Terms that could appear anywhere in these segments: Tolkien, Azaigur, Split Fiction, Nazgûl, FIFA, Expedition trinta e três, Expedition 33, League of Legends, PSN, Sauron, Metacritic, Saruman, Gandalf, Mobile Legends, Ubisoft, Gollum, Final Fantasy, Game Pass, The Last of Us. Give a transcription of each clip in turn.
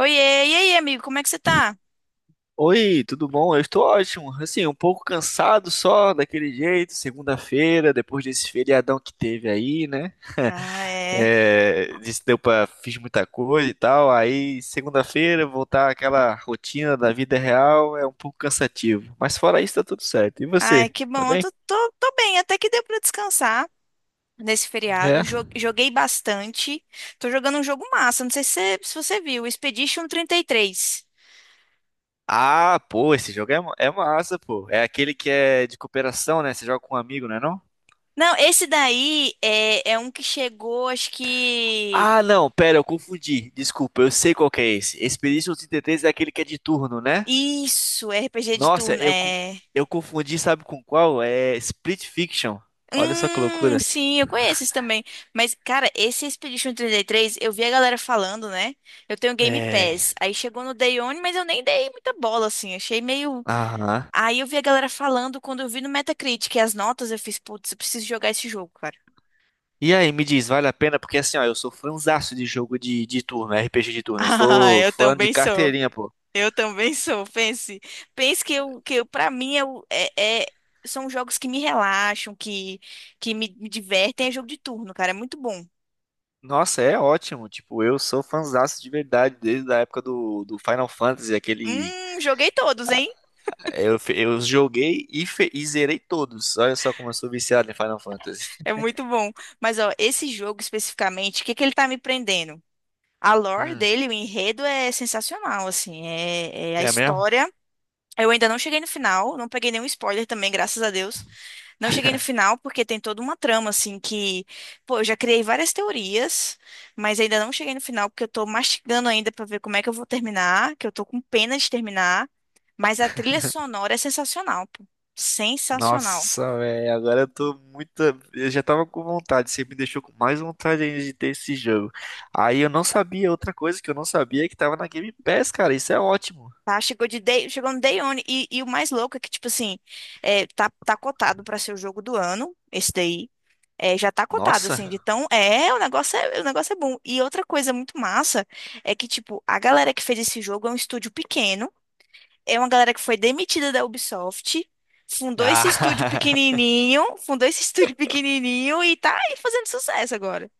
Oiê, e aí, amigo, como é que você tá? Oi, tudo bom? Eu estou ótimo. Assim, um pouco cansado só daquele jeito, segunda-feira, depois desse feriadão que teve aí, né? Ah, é. É, disse, deu pra, fiz muita coisa e tal. Aí, segunda-feira, voltar àquela rotina da vida real é um pouco cansativo. Mas fora isso, tá tudo certo. E Ai, você? que Tá bom. Eu bem? tô bem, até que deu pra descansar nesse feriado. É. Joguei bastante. Tô jogando um jogo massa, não sei se você, viu, Expedition trinta e três. Ah, pô, esse jogo é, é massa, pô. É aquele que é de cooperação, né? Você joga com um amigo, não é não? Não, esse daí é um que chegou, acho que. Ah, não, pera, eu confundi. Desculpa, eu sei qual que é esse. Expedition 33 é aquele que é de turno, né? Isso, é RPG de Nossa, turno. É. eu confundi, sabe com qual? É Split Fiction. Olha só que loucura. sim, eu conheço esse também. Mas, cara, esse Expedition trinta e três eu vi a galera falando, né? Eu tenho Game É. Pass. Aí chegou no Day One, mas eu nem dei muita bola, assim. Achei meio. Aham. Aí eu vi a galera falando quando eu vi no Metacritic as notas, eu fiz, putz, eu preciso jogar esse jogo, cara. E aí, me diz, vale a pena? Porque assim, ó, eu sou fãzaço de jogo de turno, RPG de turno. Eu Ah, sou eu fã de também sou. carteirinha, pô. Eu também sou. Pense que eu, para mim, são jogos que me relaxam, me divertem. É jogo de turno, cara. É muito bom. Nossa, é ótimo. Tipo, eu sou fãzaço de verdade desde a época do Final Fantasy, aquele. Joguei todos. Eu joguei e zerei todos. Olha só como eu sou viciado em Final Fantasy. É muito bom. Mas, ó, esse jogo especificamente, o que que ele tá me prendendo? A lore Hum, dele, o enredo é sensacional, assim, é a é mesmo? história. Eu ainda não cheguei no final, não peguei nenhum spoiler também, graças a Deus. Não cheguei no final porque tem toda uma trama, assim, que, pô, eu já criei várias teorias, mas ainda não cheguei no final porque eu tô mastigando ainda pra ver como é que eu vou terminar, que eu tô com pena de terminar. Mas a trilha sonora é sensacional, pô. Sensacional. Nossa, velho, agora eu tô muito. Eu já tava com vontade, você me deixou com mais vontade ainda de ter esse jogo. Aí eu não sabia, outra coisa que eu não sabia é que tava na Game Pass, cara, isso é ótimo. Tá, chegou no Day One. E o mais louco é que, tipo assim, tá cotado pra ser o jogo do ano, esse daí. É, já tá cotado, Nossa. assim, de tão. É, o negócio é bom. E outra coisa muito massa é que, tipo, a galera que fez esse jogo é um estúdio pequeno. É uma galera que foi demitida da Ubisoft, fundou esse estúdio Ah, pequenininho, fundou esse estúdio pequenininho e tá aí fazendo sucesso agora.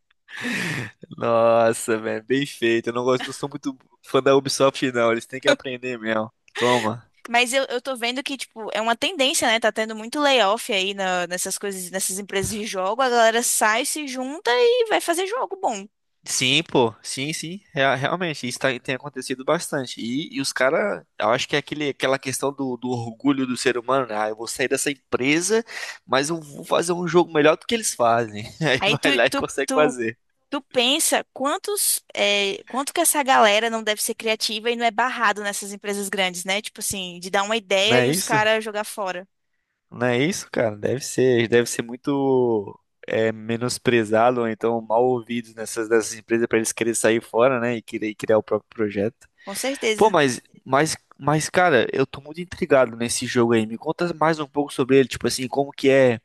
nossa, velho, bem feito. Eu não gosto, não sou muito fã da Ubisoft, não, eles têm que aprender mesmo. Toma. Mas eu tô vendo que, tipo, é uma tendência, né? Tá tendo muito layoff aí nessas coisas, nessas empresas de jogo. A galera sai, se junta e vai fazer jogo bom. Sim, pô, sim, sim, realmente, isso tem acontecido bastante. E os caras, eu acho que é aquele, aquela questão do orgulho do ser humano, né? Ah, eu vou sair dessa empresa, mas eu vou fazer um jogo melhor do que eles fazem. Aí Aí tu, vai lá e tu, consegue tu, fazer. tu pensa quanto que essa galera não deve ser criativa e não é barrado nessas empresas grandes, né? Tipo assim, de dar uma Não ideia é e os isso? caras jogar fora. Não é isso, cara? Deve ser muito é, menosprezado ou então mal ouvido nessas empresas para eles quererem sair fora, né? E querer criar o próprio projeto. Com Pô, certeza. mas, cara, eu tô muito intrigado nesse jogo aí. Me conta mais um pouco sobre ele, tipo assim, como que é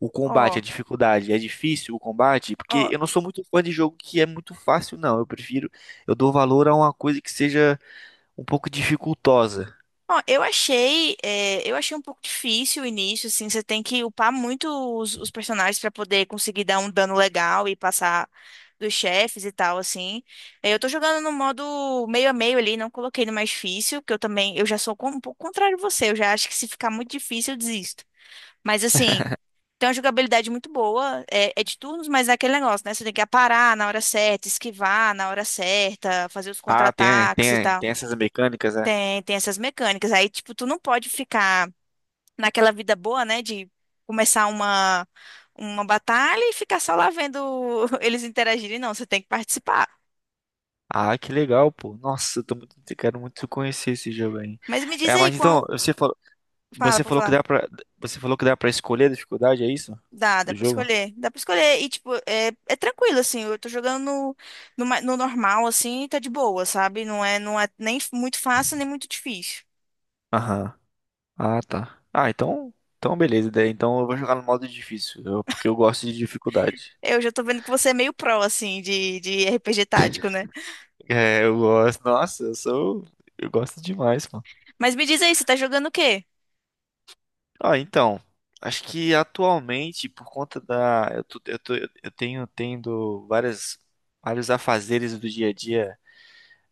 o combate, a Ó, dificuldade. É difícil o combate? Porque ó. eu não sou muito fã de jogo que é muito fácil, não. Eu prefiro, eu dou valor a uma coisa que seja um pouco dificultosa. Ó, eu achei um pouco difícil o início, assim, você tem que upar muito os personagens pra poder conseguir dar um dano legal e passar dos chefes e tal, assim. É, eu tô jogando no modo meio a meio ali, não coloquei no mais difícil, que eu também, eu já sou um pouco contrário a você, eu já acho que se ficar muito difícil eu desisto. Mas assim, tem uma jogabilidade muito boa, é de turnos, mas é aquele negócio, né? Você tem que aparar na hora certa, esquivar na hora certa, fazer os Ah, tem, contra-ataques e tem, tal. tem essas mecânicas, né? Tem essas mecânicas. Aí, tipo, tu não pode ficar naquela vida boa, né? De começar uma batalha e ficar só lá vendo eles interagirem. Não, você tem que participar. Ah, que legal, pô. Nossa, eu tô muito, quero muito conhecer esse jogo aí. Mas me diz É, aí mas então, qual. Fala, você pra falou que falar. dá pra, você falou que dá pra escolher a dificuldade, é isso? Dá Do pra jogo? escolher. Dá pra escolher. E, tipo, é tranquilo, assim. Eu tô jogando no normal, assim, e tá de boa, sabe? Não é nem muito fácil, nem muito difícil. Aham. Ah, tá. Ah, então, então beleza. Daí, então eu vou jogar no modo difícil, porque eu gosto de dificuldade. Eu já tô vendo que você é meio pró, assim, de RPG tático, né? É, eu gosto. Nossa, eu sou, eu gosto demais, mano. Mas me diz aí, você tá jogando o quê? Ah, então, acho que atualmente por conta da, eu tenho tendo várias vários afazeres do dia a dia,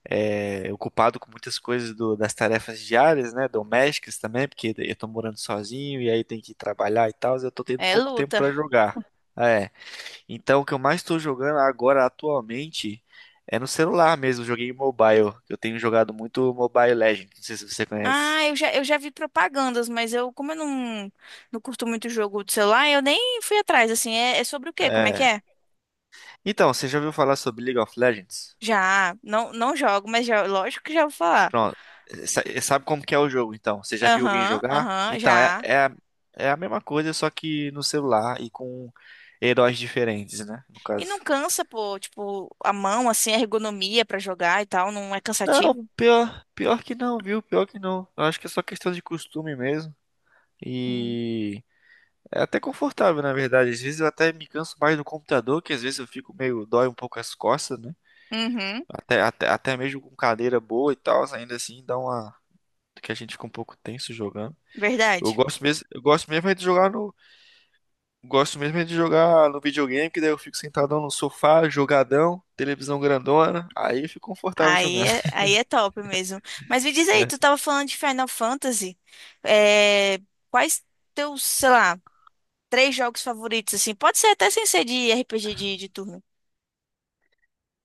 é, ocupado com muitas coisas do, das tarefas diárias, né, domésticas também, porque eu tô morando sozinho e aí tem que trabalhar e tal, eu tô tendo É pouco tempo luta. pra jogar. É. Então, o que eu mais estou jogando agora atualmente é no celular mesmo. Joguei mobile. Eu tenho jogado muito Mobile Legends. Não sei se você conhece. Ah, eu já vi propagandas, mas eu, como eu não, não curto muito jogo de celular, eu nem fui atrás, assim, é sobre o quê? Como é que É. é? Então, você já ouviu falar sobre League of Legends? Já, não, não jogo, mas já, lógico que já vou falar. Pronto. Sabe como que é o jogo, então? Você já viu alguém Aham, jogar? aham, Então, já. É a mesma coisa, só que no celular e com heróis diferentes, né? No E caso. não cansa, pô, tipo, a mão, assim, a ergonomia pra jogar e tal, não é Não, cansativo? Pior que não, viu? Pior que não. Eu acho que é só questão de costume mesmo. Uhum. E É até confortável, na verdade. Às vezes eu até me canso mais no computador, que às vezes eu fico meio, dói um pouco as costas, né? Uhum, Até mesmo com cadeira boa e tal, ainda assim dá uma. Que a gente fica um pouco tenso jogando. Verdade. Eu gosto mesmo é de jogar no. Gosto mesmo é de jogar no videogame, que daí eu fico sentadão no sofá, jogadão, televisão grandona. Aí eu fico confortável Aí jogando. é, aí é top mesmo. Mas me diz aí, tu tava falando de Final Fantasy, é, quais teus, sei lá, três jogos favoritos, assim. Pode ser até sem ser de RPG de turno.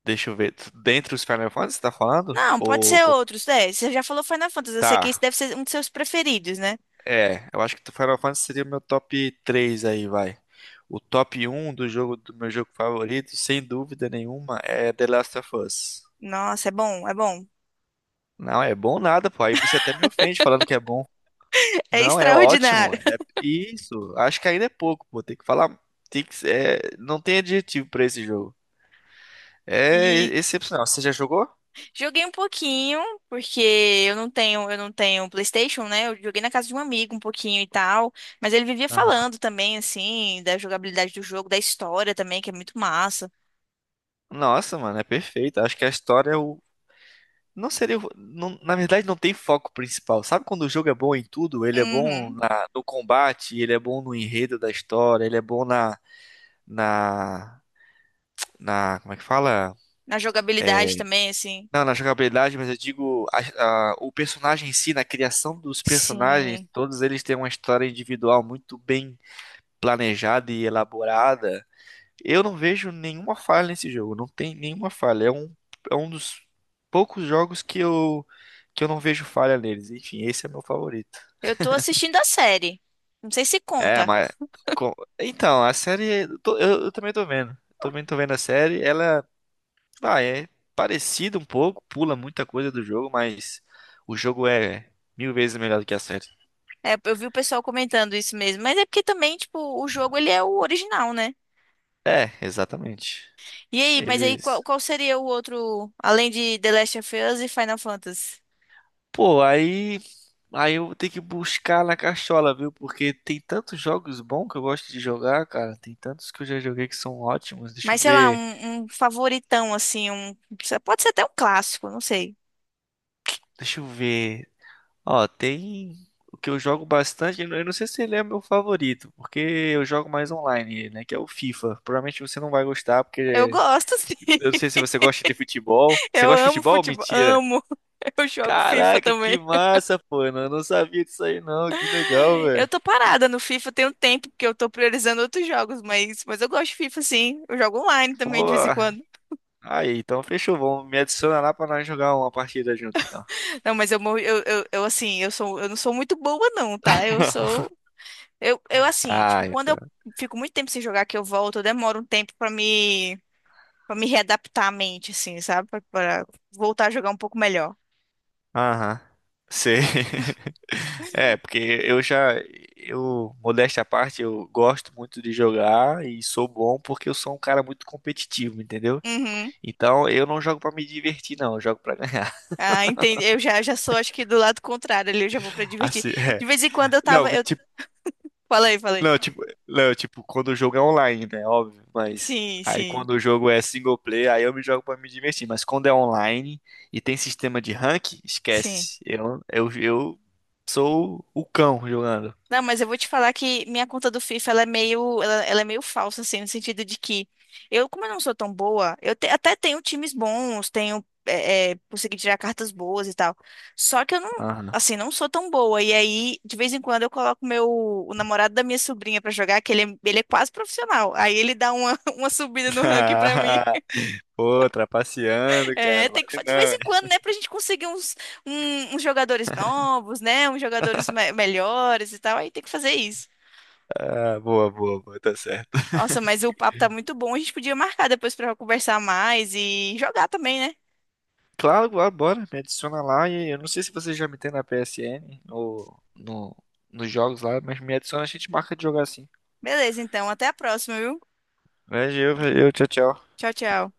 Deixa eu ver. Dentre os Final Fantasy, você tá falando? Não, pode ser outros, né? Você já falou Final Fantasy, eu sei que esse Tá. deve ser um dos seus preferidos, né? É, eu acho que o Final Fantasy seria o meu top 3 aí, vai. O top um do meu jogo favorito, sem dúvida nenhuma, é The Last of Us. Nossa, é bom, é bom. Não é bom nada, pô. Aí você até me ofende falando que é bom. É Não, é ótimo. extraordinário. É isso. Acho que ainda é pouco, pô. Tem que falar, tem que, é, não tem adjetivo pra esse jogo. É E excepcional. Você já jogou? joguei um pouquinho, porque eu não tenho PlayStation, né? Eu joguei na casa de um amigo um pouquinho e tal, mas ele vivia Aham. falando também assim da jogabilidade do jogo, da história também, que é muito massa. Nossa, mano, é perfeito. Acho que a história é o não seria. Na verdade, não tem foco principal. Sabe quando o jogo é bom em tudo? Ele é bom Uhum. No combate, ele é bom no enredo da história, ele é bom na. Na. Na. Como é que fala? Na jogabilidade também, assim. Não, na jogabilidade, mas eu digo o personagem em si, na criação dos personagens, Sim. todos eles têm uma história individual muito bem planejada e elaborada. Eu não vejo nenhuma falha nesse jogo, não tem nenhuma falha. É um dos poucos jogos que eu não vejo falha neles. Enfim, esse é meu favorito. Eu tô assistindo a série. Não sei se É, conta. mas. Então, a série. Eu também tô vendo. Também tô vendo a série. Ela. Ah, é parecida um pouco, pula muita coisa do jogo, mas o jogo é mil vezes melhor do que a série. É, eu vi o pessoal comentando isso mesmo, mas é porque também, tipo, o jogo ele é o original, né? É, exatamente. E aí, mas aí qual, Eles. qual seria o outro, além de The Last of Us e Final Fantasy? Pô, aí. Aí eu vou ter que buscar na cachola, viu? Porque tem tantos jogos bons que eu gosto de jogar, cara. Tem tantos que eu já joguei que são ótimos. Deixa eu Mas sei lá, ver. um favoritão assim, um pode ser até um clássico, não sei. Deixa eu ver. Ó, tem o que eu jogo bastante. Eu não sei se ele é meu favorito, porque eu jogo mais online, né? Que é o FIFA. Provavelmente você não vai gostar, Eu porque gosto, sim. eu não sei se você gosta de futebol. Você Eu gosta de amo futebol? futebol, Mentira. amo. Eu jogo FIFA Caraca, também. que massa, pô. Eu não sabia disso aí, não. Que legal, Eu velho. tô parada no FIFA tem um tempo porque eu tô priorizando outros jogos, mas eu gosto de FIFA sim. Eu jogo online também de Pô. vez em quando. Aí, então fechou. Vamos me adiciona lá pra nós jogar uma partida junto, então. Não, mas eu, morri- eu, assim, eu não sou muito boa, não, tá? Eu sou. Eu assim, Ah, tipo, quando eu então. fico muito tempo sem jogar que eu volto, eu demoro um tempo para me readaptar à mente, assim, sabe? Pra voltar a jogar um pouco melhor. Aham. Sei. É, porque eu já, eu, modéstia à parte, eu gosto muito de jogar e sou bom porque eu sou um cara muito competitivo, entendeu? Uhum. Então eu não jogo pra me divertir, não, eu jogo pra ganhar. Ah, entendi. Eu já sou, acho que do lado contrário ali, eu já vou pra divertir. Assim, De é. vez em quando eu Não, tava. Eu... tipo, Falei, falei. Não, tipo, quando o jogo é online, né? Óbvio, mas Sim, aí sim, quando o jogo é single player, aí eu me jogo pra me divertir. Mas quando é online e tem sistema de rank, sim. esquece. Eu sou o cão jogando. Não, mas eu vou te falar que minha conta do FIFA ela é meio, ela é meio falsa, assim, no sentido de que eu, como eu não sou tão boa, até tenho times bons, tenho, consegui tirar cartas boas e tal. Só que eu não, Aham. assim, não sou tão boa. E aí, de vez em quando, eu coloco o namorado da minha sobrinha pra jogar, que ele é quase profissional. Aí ele dá uma, uma subida no ranking pra mim. Pô, trapaceando, É, cara. tem que, Vale de vez não. hein? em quando, né, pra gente conseguir uns jogadores novos, né, uns jogadores melhores e tal. Aí tem que fazer isso. Ah, boa, tá certo. Nossa, mas o papo tá muito bom. A gente podia marcar depois pra conversar mais e jogar também, né? Claro, claro, bora, me adiciona lá e eu não sei se você já me tem na PSN ou no, nos jogos lá, mas me adiciona, a gente marca de jogar assim. Beleza, então, até a próxima, viu? Valeu, valeu, tchau, tchau. Tchau, tchau.